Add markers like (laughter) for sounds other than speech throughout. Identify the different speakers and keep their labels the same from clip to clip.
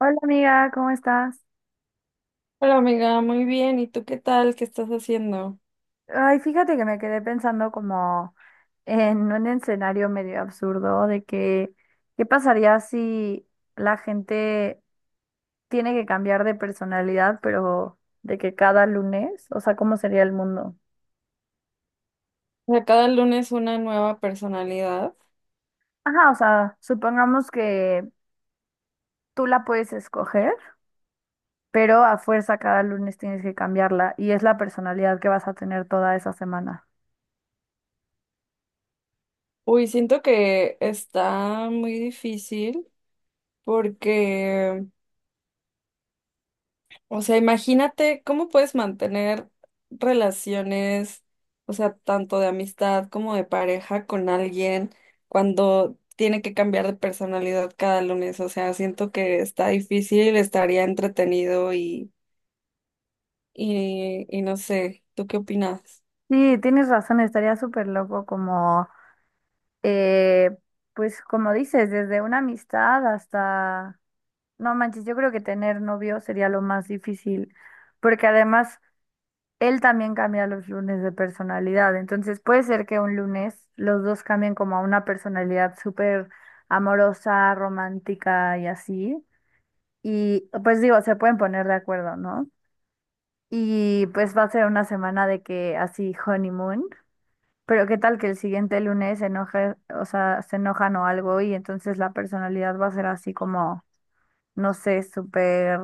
Speaker 1: Hola amiga, ¿cómo estás?
Speaker 2: Hola amiga, muy bien. ¿Y tú qué tal? ¿Qué estás haciendo?
Speaker 1: Ay, fíjate que me quedé pensando como en un escenario medio absurdo de que, ¿qué pasaría si la gente tiene que cambiar de personalidad, pero de que cada lunes? O sea, ¿cómo sería el mundo?
Speaker 2: O sea, cada lunes una nueva personalidad.
Speaker 1: Ajá, o sea, supongamos que tú la puedes escoger, pero a fuerza cada lunes tienes que cambiarla y es la personalidad que vas a tener toda esa semana.
Speaker 2: Uy, siento que está muy difícil porque, o sea, imagínate cómo puedes mantener relaciones, o sea, tanto de amistad como de pareja con alguien cuando tiene que cambiar de personalidad cada lunes. O sea, siento que está difícil, estaría entretenido y no sé, ¿tú qué opinas?
Speaker 1: Sí, tienes razón, estaría súper loco como... Eh, pues como dices, desde una amistad hasta, no manches, yo creo que tener novio sería lo más difícil, porque además él también cambia los lunes de personalidad, entonces puede ser que un lunes los dos cambien como a una personalidad súper amorosa, romántica y así, y pues digo, se pueden poner de acuerdo, ¿no? Y pues va a ser una semana de que así honeymoon. Pero qué tal que el siguiente lunes se enoje, o sea, se enojan o algo y entonces la personalidad va a ser así como, no sé, súper,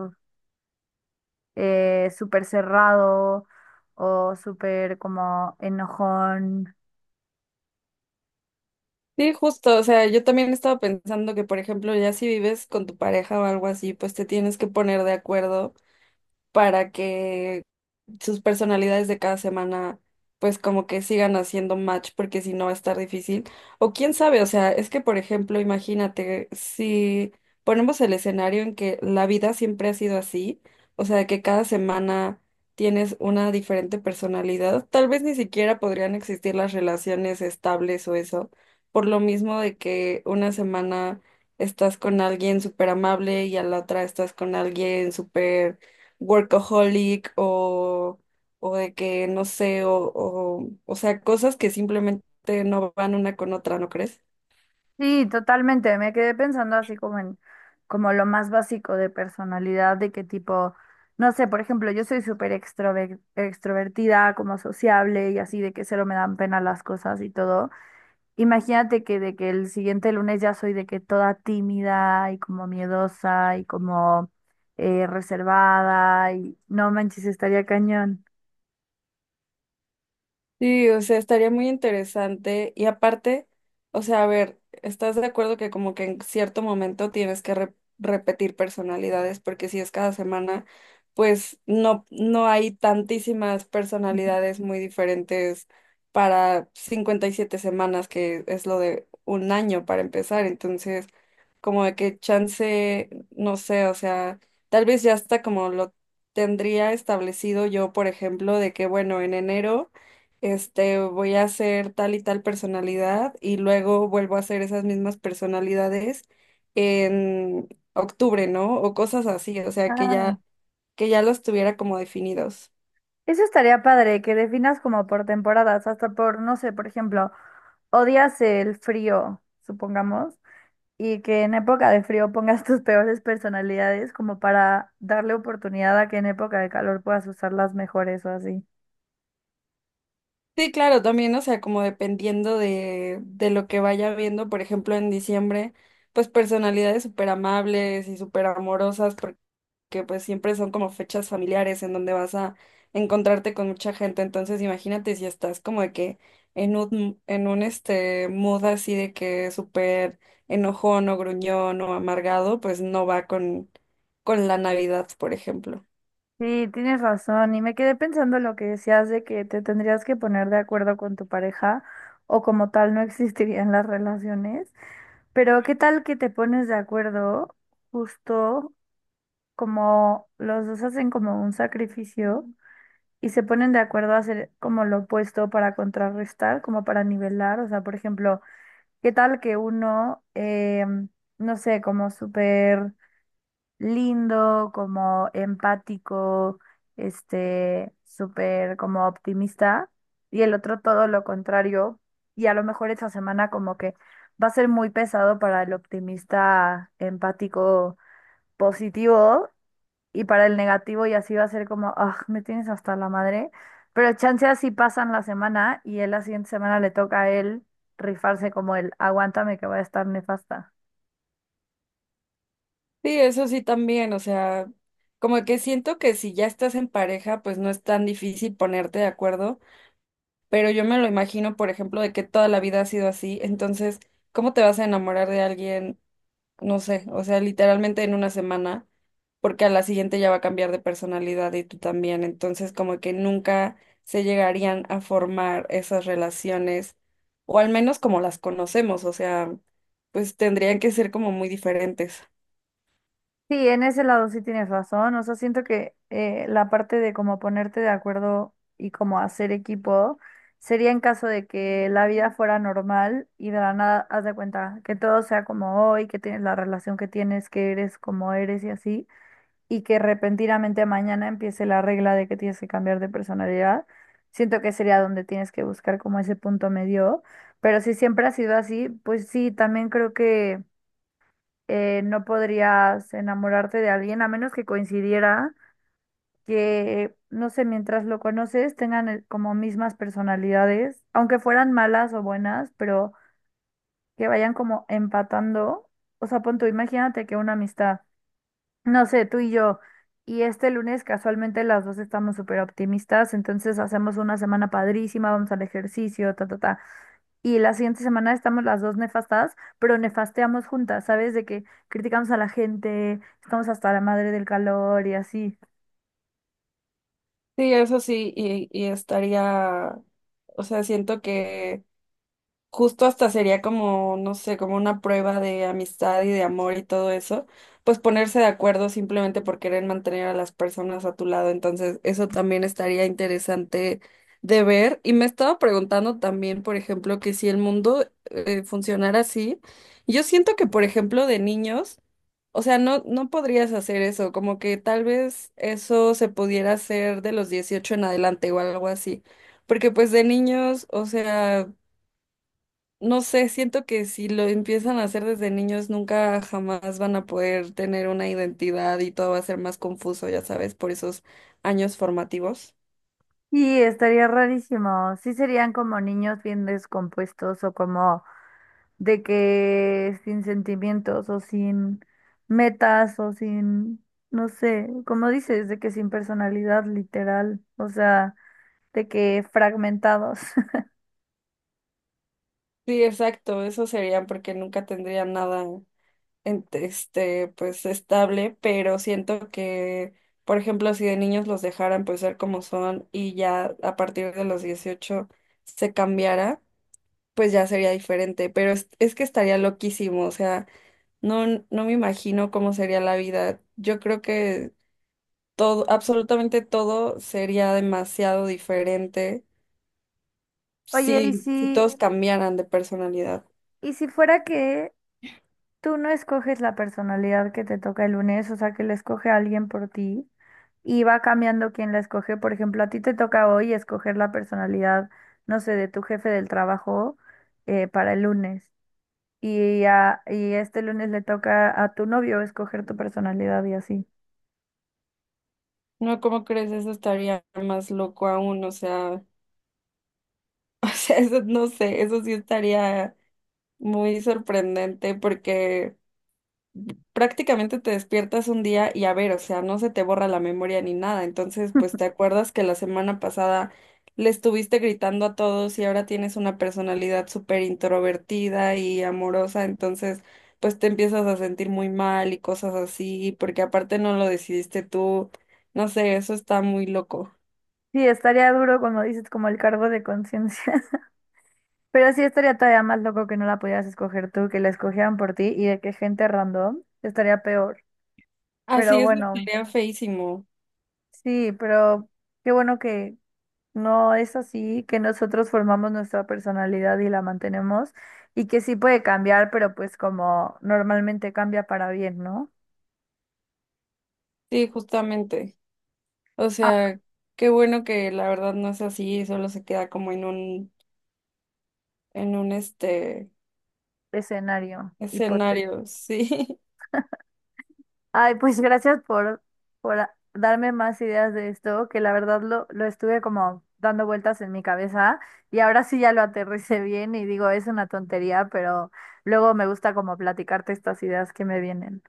Speaker 1: súper cerrado o súper como enojón.
Speaker 2: Sí, justo, o sea, yo también estaba pensando que, por ejemplo, ya si vives con tu pareja o algo así, pues te tienes que poner de acuerdo para que sus personalidades de cada semana pues como que sigan haciendo match porque si no va a estar difícil. O quién sabe, o sea, es que por ejemplo, imagínate, si ponemos el escenario en que la vida siempre ha sido así, o sea, que cada semana tienes una diferente personalidad, tal vez ni siquiera podrían existir las relaciones estables o eso, por lo mismo de que una semana... Estás con alguien súper amable y a la otra estás con alguien súper workaholic o de que no sé, o sea, cosas que simplemente no van una con otra, ¿no crees?
Speaker 1: Sí, totalmente. Me quedé pensando así como en, como lo más básico de personalidad, de qué tipo, no sé, por ejemplo, yo soy súper extrovertida, como sociable y así, de que cero me dan pena las cosas y todo. Imagínate que de que el siguiente lunes ya soy de que toda tímida y como miedosa y como reservada y no manches, estaría cañón.
Speaker 2: Sí, o sea, estaría muy interesante. Y aparte, o sea, a ver, ¿estás de acuerdo que como que en cierto momento tienes que repetir personalidades? Porque si es cada semana, pues no hay tantísimas personalidades muy diferentes para 57 semanas, que es lo de un año para empezar. Entonces, como de que chance, no sé, o sea, tal vez ya está como lo tendría establecido yo, por ejemplo, de que bueno, en enero este, voy a hacer tal y tal personalidad y luego vuelvo a hacer esas mismas personalidades en octubre, ¿no? O cosas así, o sea, que
Speaker 1: Ah,
Speaker 2: ya, que ya los tuviera como definidos.
Speaker 1: eso estaría padre, que definas como por temporadas, hasta por, no sé, por ejemplo, odias el frío, supongamos, y que en época de frío pongas (laughs) tus peores personalidades como para darle oportunidad a que en época de calor puedas usar las mejores o así.
Speaker 2: Sí, claro, también, o sea, como dependiendo de lo que vaya viendo, por ejemplo, en diciembre, pues personalidades súper amables y súper amorosas, que pues siempre son como fechas familiares en donde vas a encontrarte con mucha gente. Entonces imagínate si estás como de que en un este mood así de que súper enojón o gruñón o amargado, pues no va con la Navidad, por ejemplo.
Speaker 1: Sí, tienes razón. Y me quedé pensando lo que decías de que te tendrías que poner de acuerdo con tu pareja o como tal no existirían las relaciones. Pero ¿qué tal que te pones de acuerdo justo como los dos hacen como un sacrificio y se ponen de acuerdo a hacer como lo opuesto para contrarrestar, como para nivelar? O sea, por ejemplo, ¿qué tal que uno, no sé, como súper lindo, como empático, este, súper como optimista, y el otro todo lo contrario, y a lo mejor esta semana como que va a ser muy pesado para el optimista empático positivo, y para el negativo y así va a ser como, ah, me tienes hasta la madre, pero chance así pasan la semana y él la siguiente semana le toca a él rifarse como el, aguántame que va a estar nefasta.
Speaker 2: Sí, eso sí también, o sea, como que siento que si ya estás en pareja, pues no es tan difícil ponerte de acuerdo, pero yo me lo imagino, por ejemplo, de que toda la vida ha sido así, entonces, ¿cómo te vas a enamorar de alguien? No sé, o sea, literalmente en una semana, porque a la siguiente ya va a cambiar de personalidad y tú también, entonces como que nunca se llegarían a formar esas relaciones, o al menos como las conocemos, o sea, pues tendrían que ser como muy diferentes.
Speaker 1: Sí, en ese lado sí tienes razón. O sea, siento que la parte de como ponerte de acuerdo y como hacer equipo sería en caso de que la vida fuera normal y de la nada haz de cuenta que todo sea como hoy, que tienes la relación que tienes, que eres como eres y así, y que repentinamente mañana empiece la regla de que tienes que cambiar de personalidad. Siento que sería donde tienes que buscar como ese punto medio. Pero si siempre ha sido así, pues sí, también creo que no podrías enamorarte de alguien a menos que coincidiera que, no sé, mientras lo conoces tengan como mismas personalidades, aunque fueran malas o buenas, pero que vayan como empatando. O sea, pon tú, imagínate que una amistad, no sé, tú y yo, y este lunes casualmente las dos estamos súper optimistas, entonces hacemos una semana padrísima, vamos al ejercicio, ta, ta, ta y la siguiente semana estamos las dos nefastadas, pero nefasteamos juntas, ¿sabes? De que criticamos a la gente, estamos hasta la madre del calor y así.
Speaker 2: Sí, eso sí, y estaría, o sea, siento que justo hasta sería como, no sé, como una prueba de amistad y de amor y todo eso, pues ponerse de acuerdo simplemente por querer mantener a las personas a tu lado. Entonces, eso también estaría interesante de ver. Y me estaba preguntando también, por ejemplo, que si el mundo funcionara así, yo siento que, por ejemplo, de niños, o sea, no podrías hacer eso, como que tal vez eso se pudiera hacer de los 18 en adelante o algo así. Porque pues de niños, o sea, no sé, siento que si lo empiezan a hacer desde niños, nunca jamás van a poder tener una identidad y todo va a ser más confuso, ya sabes, por esos años formativos.
Speaker 1: Y estaría rarísimo. Sí, serían como niños bien descompuestos o como de que sin sentimientos o sin metas o sin, no sé, como dices, de que sin personalidad literal, o sea, de que fragmentados. (laughs)
Speaker 2: Sí, exacto, eso sería porque nunca tendrían nada este, pues estable, pero siento que, por ejemplo, si de niños los dejaran pues ser como son y ya a partir de los 18 se cambiara pues ya sería diferente, pero es que estaría loquísimo, o sea, no me imagino cómo sería la vida. Yo creo que todo, absolutamente todo sería demasiado diferente
Speaker 1: Oye, ¿y
Speaker 2: si
Speaker 1: si,
Speaker 2: todos cambiaran de personalidad.
Speaker 1: y si fuera que tú no escoges la personalidad que te toca el lunes, o sea, que la escoge alguien por ti y va cambiando quién la escoge. Por ejemplo, a ti te toca hoy escoger la personalidad, no sé, de tu jefe del trabajo para el lunes. Y este lunes le toca a tu novio escoger tu personalidad y así.
Speaker 2: No, ¿cómo crees? Eso estaría más loco aún, o sea, (laughs) o sea, eso no sé, eso sí estaría muy sorprendente porque prácticamente te despiertas un día y a ver, o sea, no se te borra la memoria ni nada. Entonces, pues te
Speaker 1: (laughs)
Speaker 2: acuerdas que la semana pasada le estuviste gritando a todos y ahora tienes una personalidad súper introvertida y amorosa, entonces, pues te empiezas a sentir muy mal y cosas así, porque aparte no lo decidiste tú. No sé, eso está muy loco.
Speaker 1: Sí, estaría duro, como dices, como el cargo de conciencia. (laughs) Pero sí estaría todavía más loco que no la pudieras escoger tú, que la escogieran por ti y de que gente random estaría peor. Pero
Speaker 2: Así es,
Speaker 1: bueno.
Speaker 2: estaría feísimo.
Speaker 1: Sí, pero qué bueno que no es así, que nosotros formamos nuestra personalidad y la mantenemos y que sí puede cambiar, pero pues como normalmente cambia para bien, ¿no?
Speaker 2: Sí, justamente. O
Speaker 1: Ah,
Speaker 2: sea, qué bueno que la verdad no es así, solo se queda como en un, este
Speaker 1: escenario hipotético.
Speaker 2: Escenarios, sí. (laughs)
Speaker 1: Ay, pues gracias por darme más ideas de esto, que la verdad lo estuve como dando vueltas en mi cabeza y ahora sí ya lo aterricé bien y digo, es una tontería, pero luego me gusta como platicarte estas ideas que me vienen.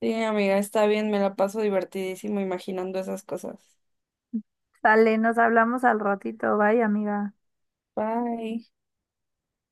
Speaker 2: Sí, amiga, está bien, me la paso divertidísimo imaginando esas cosas.
Speaker 1: Dale, nos hablamos al ratito. Bye, amiga.
Speaker 2: Bye.